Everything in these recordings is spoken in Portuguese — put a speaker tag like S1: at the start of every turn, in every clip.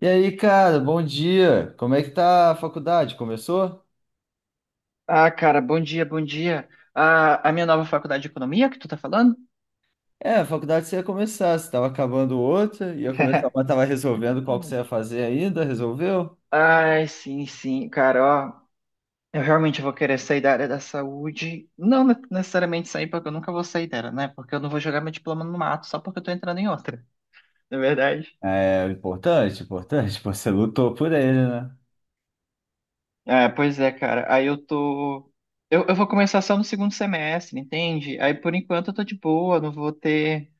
S1: E aí, cara, bom dia. Como é que tá a faculdade? Começou?
S2: Ah, cara, bom dia, bom dia. Ah, a minha nova faculdade de economia que tu tá falando?
S1: É, a faculdade você ia começar, você estava acabando outra, ia começar mas estava resolvendo qual que você ia fazer ainda, resolveu?
S2: Ai, sim, sim, cara, ó. Eu realmente vou querer sair da área da saúde. Não necessariamente sair, porque eu nunca vou sair dela, né? Porque eu não vou jogar meu diploma no mato só porque eu tô entrando em outra, na verdade.
S1: É, importante, importante, pô, você lutou por ele, né?
S2: É, pois é, cara. Aí eu tô. Eu vou começar só no segundo semestre, entende? Aí por enquanto eu tô de boa, não vou ter.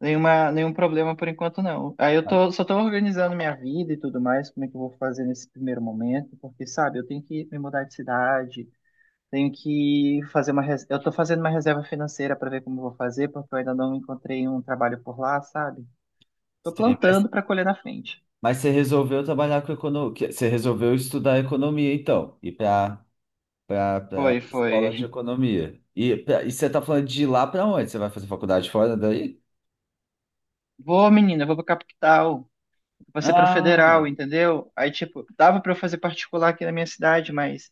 S2: Nenhum problema por enquanto, não. Aí eu tô, só tô organizando minha vida e tudo mais, como é que eu vou fazer nesse primeiro momento, porque, sabe, eu tenho que me mudar de cidade, tenho que fazer Eu tô fazendo uma reserva financeira para ver como eu vou fazer, porque eu ainda não encontrei um trabalho por lá, sabe? Tô
S1: Sim, mas,
S2: plantando para colher na frente.
S1: mas você resolveu trabalhar com economia, você resolveu estudar economia, então, ir para
S2: Foi,
S1: escola de
S2: foi.
S1: economia. E, e você tá falando de ir lá para onde? Você vai fazer faculdade fora daí?
S2: Vou, menina, vou pra capital, vou ser pra
S1: Ah.
S2: federal, entendeu? Aí, tipo, dava para eu fazer particular aqui na minha cidade, mas...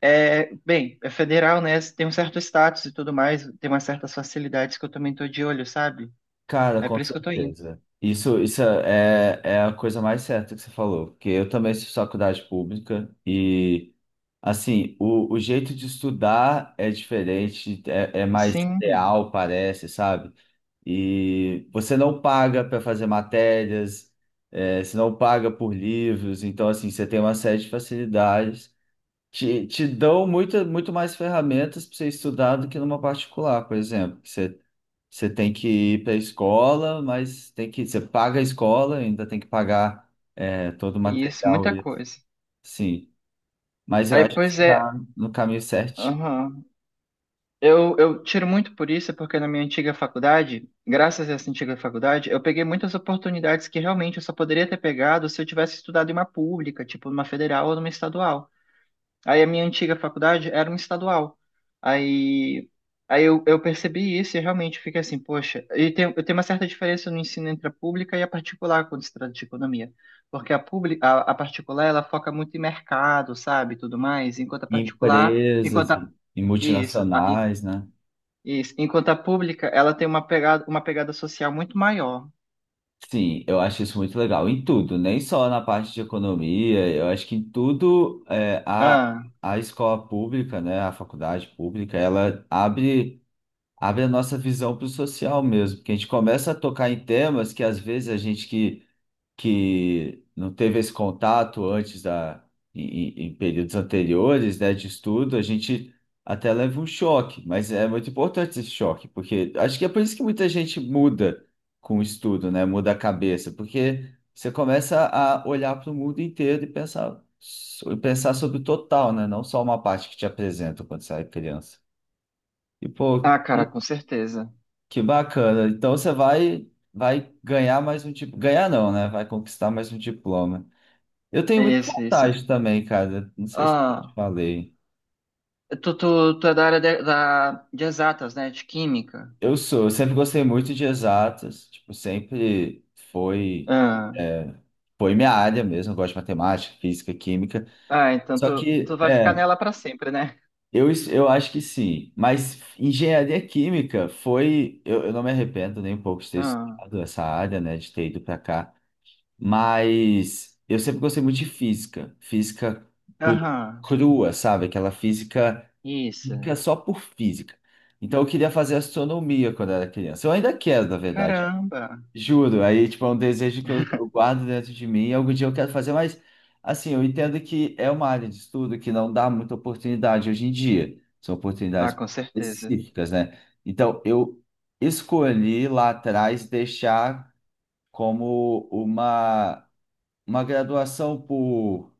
S2: É, bem, é federal, né? Tem um certo status e tudo mais, tem umas certas facilidades que eu também tô de olho, sabe?
S1: Cara,
S2: É por
S1: com
S2: isso que eu tô indo.
S1: certeza. Isso é a coisa mais certa que você falou, porque eu também fiz faculdade pública e, assim, o jeito de estudar é diferente, é mais
S2: Sim,
S1: real, parece, sabe? E você não paga para fazer matérias, você não paga por livros, então, assim, você tem uma série de facilidades. Te dão muito, muito mais ferramentas para você estudar do que numa particular, por exemplo. Você tem que ir para a escola, mas você paga a escola, ainda tem que pagar todo o
S2: isso,
S1: material.
S2: muita coisa.
S1: Sim, mas eu
S2: Aí,
S1: acho que
S2: pois
S1: você
S2: é,
S1: está no caminho certo.
S2: aham. Eu tiro muito por isso, porque na minha antiga faculdade, graças a essa antiga faculdade, eu peguei muitas oportunidades que realmente eu só poderia ter pegado se eu tivesse estudado em uma pública, tipo numa federal ou numa estadual. Aí a minha antiga faculdade era uma estadual. Aí, aí eu percebi isso e realmente fiquei assim, poxa, e tem, eu tenho uma certa diferença no ensino entre a pública e a particular quando se trata de economia. Porque a pública, a particular, ela foca muito em mercado, sabe, tudo mais, enquanto a
S1: Em
S2: particular,
S1: empresas
S2: enquanto a,
S1: e
S2: isso, a- i-
S1: multinacionais, né?
S2: isso, enquanto a pública, ela tem uma pegada social muito maior.
S1: Sim, eu acho isso muito legal. Em tudo, nem só na parte de economia, eu acho que em tudo
S2: Ah,
S1: a, escola pública, né, a faculdade pública, ela abre a nossa visão para o social mesmo, porque a gente começa a tocar em temas que às vezes a gente que não teve esse contato antes da em períodos anteriores, né, de estudo, a gente até leva um choque, mas é muito importante esse choque, porque acho que é por isso que muita gente muda com o estudo, né, muda a cabeça, porque você começa a olhar para o mundo inteiro e e pensar sobre o total, né, não só uma parte que te apresentam quando você é criança. E pô,
S2: ah, cara, com certeza.
S1: que bacana. Então você vai ganhar mais um tipo, ganhar não, né? Vai conquistar mais um diploma. Eu tenho
S2: É
S1: muita
S2: isso, é isso.
S1: vontade também, cara. Não sei se eu já te
S2: Ah,
S1: falei.
S2: tu é da área de exatas, né, de química.
S1: Eu sou, eu sempre gostei muito de exatas, tipo, sempre foi
S2: Ah,
S1: é, foi minha área mesmo, eu gosto de matemática, física, química.
S2: ah, então
S1: Só que,
S2: tu vai ficar
S1: é,
S2: nela pra sempre, né?
S1: eu acho que sim. Mas engenharia química foi. Eu não me arrependo nem um pouco de ter
S2: Ah,
S1: estudado essa área, né? De ter ido para cá. Mas eu sempre gostei muito de física br-
S2: aham,
S1: crua, sabe? Aquela física,
S2: isso.
S1: física só por física. Então eu queria fazer astronomia quando era criança. Eu ainda quero, na verdade.
S2: Caramba.
S1: Juro. Aí, tipo, é um desejo que eu guardo dentro de mim. E algum dia eu quero fazer, mas assim, eu entendo que é uma área de estudo que não dá muita oportunidade hoje em dia. São
S2: Ah,
S1: oportunidades
S2: com certeza.
S1: específicas, né? Então eu escolhi lá atrás deixar como uma graduação por,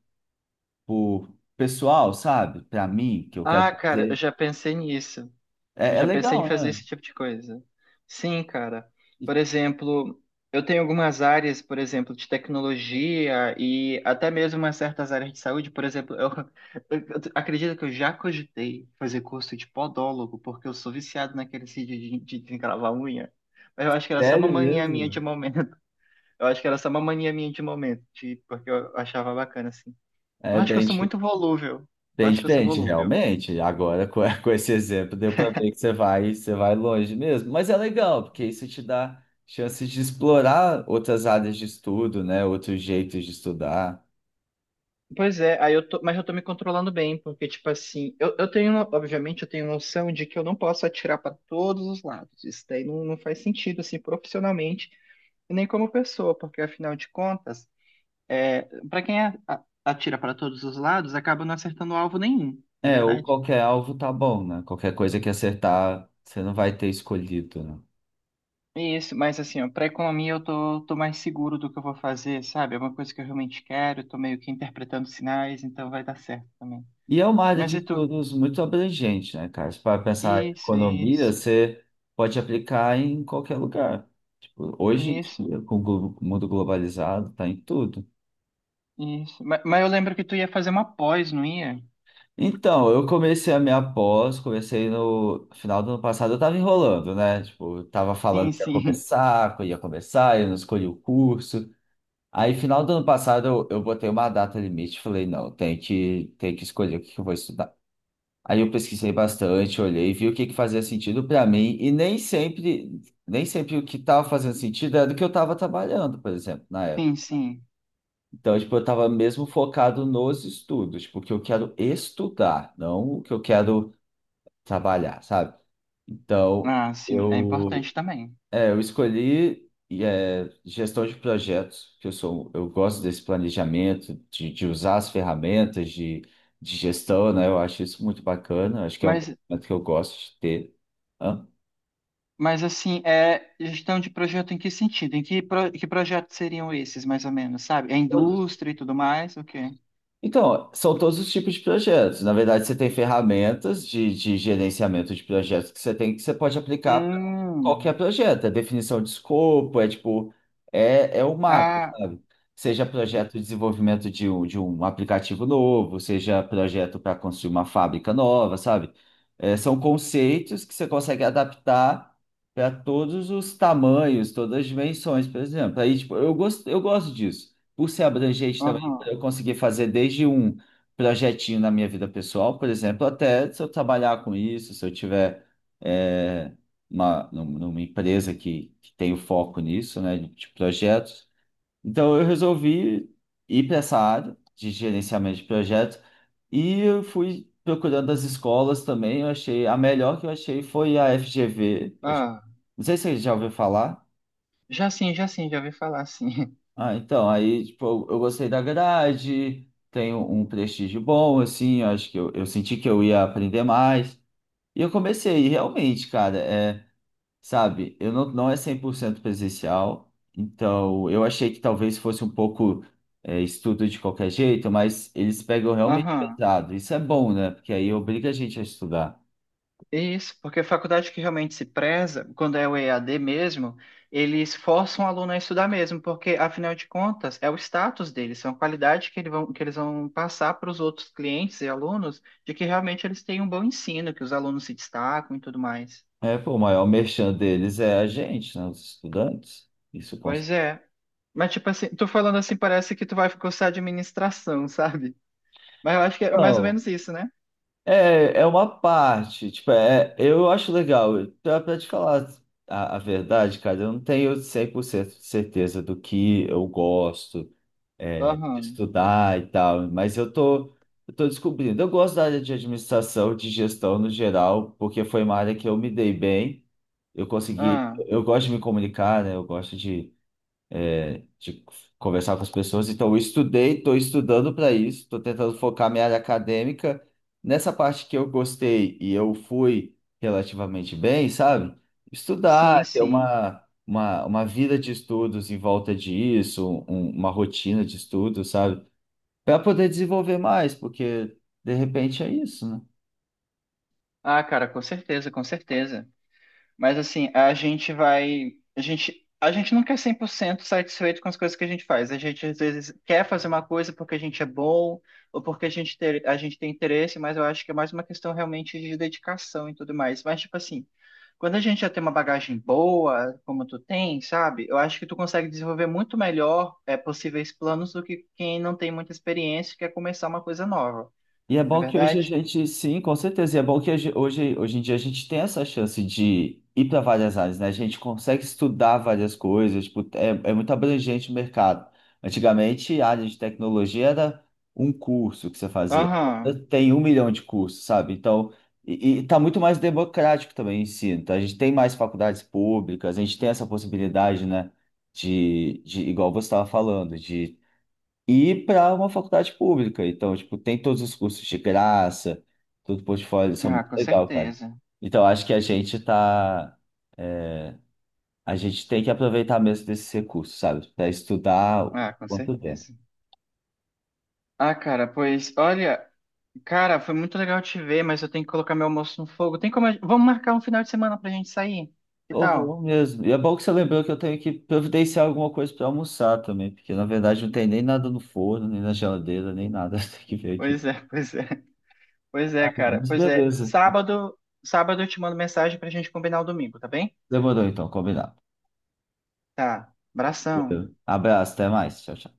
S1: por pessoal, sabe? Para mim, que eu quero
S2: Ah, cara, eu
S1: fazer.
S2: já pensei nisso. Eu
S1: É
S2: já pensei em
S1: legal,
S2: fazer
S1: né?
S2: esse tipo de coisa. Sim, cara.
S1: E
S2: Por exemplo, eu tenho algumas áreas, por exemplo, de tecnologia e até mesmo umas certas áreas de saúde. Por exemplo, eu, acredito que eu já cogitei fazer curso de podólogo, porque eu sou viciado naquele sítio de encravar unha. Mas eu acho que era só uma
S1: Sério
S2: mania minha de
S1: mesmo.
S2: momento. Eu acho que era só uma mania minha de momento, de, porque eu achava bacana, assim. Eu
S1: É
S2: acho que eu
S1: bem,
S2: sou
S1: di-
S2: muito volúvel. Eu
S1: bem
S2: acho que eu sou
S1: diferente,
S2: volúvel.
S1: realmente. Agora, com, com esse exemplo, deu para ver que você vai longe mesmo. Mas é legal, porque isso te dá chances de explorar outras áreas de estudo, né? Outros jeitos de estudar.
S2: Pois é, aí eu tô, mas eu tô me controlando bem, porque, tipo assim, eu tenho, obviamente, eu tenho noção de que eu não posso atirar para todos os lados. Isso daí não, não faz sentido, assim, profissionalmente, e nem como pessoa, porque, afinal de contas, é, para quem atira para todos os lados, acaba não acertando alvo nenhum, não é
S1: É, ou
S2: verdade?
S1: qualquer alvo tá bom, né? Qualquer coisa que acertar, você não vai ter escolhido, né?
S2: É isso, mas assim, ó, pra economia eu tô mais seguro do que eu vou fazer, sabe? É uma coisa que eu realmente quero, eu tô meio que interpretando sinais, então vai dar certo também.
S1: E é uma área
S2: Mas
S1: de
S2: e tu?
S1: estudos muito abrangente, né, cara? Se para pensar em
S2: Isso,
S1: economia,
S2: isso,
S1: você pode aplicar em qualquer lugar. Tipo, hoje em
S2: isso.
S1: dia, com o mundo globalizado, tá em tudo.
S2: Isso. Mas eu lembro que tu ia fazer uma pós, não ia?
S1: Então, eu comecei a minha pós, comecei no final do ano passado, eu tava enrolando, né? Tipo, eu tava falando
S2: Sim, sim,
S1: que eu ia começar, eu não escolhi o curso. Aí, final do ano passado, eu botei uma data limite, falei, não, tem que escolher o que que eu vou estudar. Aí eu pesquisei bastante, olhei, vi o que que fazia sentido para mim e nem sempre o que estava fazendo sentido era do que eu estava trabalhando, por exemplo, na época.
S2: sim, sim.
S1: Então, tipo, eu estava mesmo focado nos estudos, porque eu quero estudar, não o que eu quero trabalhar, sabe? Então,
S2: Ah, sim, é
S1: eu
S2: importante também.
S1: eu escolhi gestão de projetos, que eu gosto desse planejamento, de usar as ferramentas de gestão, né? Eu acho isso muito bacana, acho que é um
S2: Mas,
S1: momento que eu gosto de ter. Hã?
S2: mas assim, é gestão de projeto em que sentido? Que projetos seriam esses, mais ou menos, sabe? É indústria e tudo mais, o quê?
S1: Então, são todos os tipos de projetos. Na verdade, você tem ferramentas de gerenciamento de projetos que você pode aplicar para
S2: Hum,
S1: qualquer projeto. É definição de escopo, é tipo, é o macro,
S2: ah,
S1: sabe? Seja projeto de desenvolvimento de um aplicativo novo, seja projeto para construir uma fábrica nova, sabe? É, são conceitos que você consegue adaptar para todos os tamanhos, todas as dimensões, por exemplo. Aí, tipo, eu gosto disso. Por ser abrangente também
S2: aham,
S1: eu consegui fazer desde um projetinho na minha vida pessoal, por exemplo, até se eu trabalhar com isso, se eu tiver é, numa empresa que tem o foco nisso, né, de projetos. Então eu resolvi ir para essa área de gerenciamento de projetos e eu fui procurando as escolas também. Eu achei a melhor que eu achei foi a FGV.
S2: ah,
S1: Não sei se você já ouviu falar.
S2: já sim, já sim, já ouvi falar, sim.
S1: Ah, então, aí, tipo, eu gostei da grade, tenho um prestígio bom, assim, eu acho que eu senti que eu ia aprender mais. E eu comecei, e realmente, cara, sabe, eu não, não é 100% presencial, então eu achei que talvez fosse um pouco estudo de qualquer jeito, mas eles pegam realmente
S2: Aham.
S1: pesado. Isso é bom, né? Porque aí obriga a gente a estudar.
S2: Isso, porque a faculdade que realmente se preza, quando é o EAD mesmo, eles forçam o aluno a estudar mesmo, porque, afinal de contas, é o status deles, são a qualidade que, que eles vão passar para os outros clientes e alunos, de que realmente eles têm um bom ensino, que os alunos se destacam e tudo mais.
S1: É, pô, o maior merchan deles é a gente, né? Os estudantes. Isso consta.
S2: Pois é. Mas, tipo assim, tu falando assim, parece que tu vai cursar administração, sabe? Mas eu acho que é mais ou menos isso, né?
S1: É uma parte, tipo, eu acho legal. Pra te falar a verdade, cara, eu não tenho 100% de certeza do que eu gosto, de
S2: Aham.
S1: estudar e tal, mas eu tô descobrindo. Eu gosto da área de administração, de gestão no geral, porque foi uma área que eu me dei bem, eu consegui,
S2: Ah,
S1: eu gosto de me comunicar, né? Eu gosto de conversar com as pessoas. Então, eu estudei, estou estudando para isso, estou tentando focar minha área acadêmica nessa parte que eu gostei e eu fui relativamente bem, sabe?
S2: sim,
S1: Estudar, ter
S2: sim.
S1: uma vida de estudos em volta disso, uma rotina de estudos, sabe? Para poder desenvolver mais, porque de repente é isso, né?
S2: Ah, cara, com certeza, com certeza. Mas assim, a gente vai. A gente nunca é 100% satisfeito com as coisas que a gente faz. A gente às vezes quer fazer uma coisa porque a gente é bom ou porque a gente, ter, a gente tem interesse, mas eu acho que é mais uma questão realmente de dedicação e tudo mais. Mas, tipo assim, quando a gente já tem uma bagagem boa, como tu tem, sabe? Eu acho que tu consegue desenvolver muito melhor é, possíveis planos do que quem não tem muita experiência e quer começar uma coisa nova,
S1: E é
S2: não é
S1: bom que hoje a
S2: verdade?
S1: gente, sim, com certeza. E é bom que hoje em dia a gente tem essa chance de ir para várias áreas, né? A gente consegue estudar várias coisas, tipo, é muito abrangente o mercado. Antigamente, a área de tecnologia era um curso que você fazia.
S2: Aham.
S1: Agora tem 1 milhão de cursos, sabe? Então, e tá muito mais democrático também o ensino. Então, a gente tem mais faculdades públicas, a gente tem essa possibilidade, né? De igual você estava falando, de e para uma faculdade pública. Então, tipo, tem todos os cursos de graça, todo o portfólio, isso é
S2: Ah,
S1: muito
S2: com
S1: legal, cara.
S2: certeza.
S1: Então, acho que a gente tem que aproveitar mesmo desses recursos, sabe? Para estudar o
S2: Ah, com
S1: quanto der.
S2: certeza. Ah, cara, pois olha, cara, foi muito legal te ver, mas eu tenho que colocar meu almoço no fogo. Tem como. Vamos marcar um final de semana pra gente sair? Que
S1: Ou
S2: tal?
S1: vamos mesmo. E é bom que você lembrou que eu tenho que providenciar alguma coisa para almoçar também, porque na verdade não tem nem nada no forno, nem na geladeira, nem nada. Tem que ver aqui.
S2: Pois é, pois é. Pois é, cara.
S1: Mas
S2: Pois é.
S1: beleza.
S2: Sábado eu te mando mensagem pra gente combinar o domingo, tá bem?
S1: Demorou então, combinado.
S2: Tá. Abração.
S1: Valeu. Abraço, até mais. Tchau, tchau.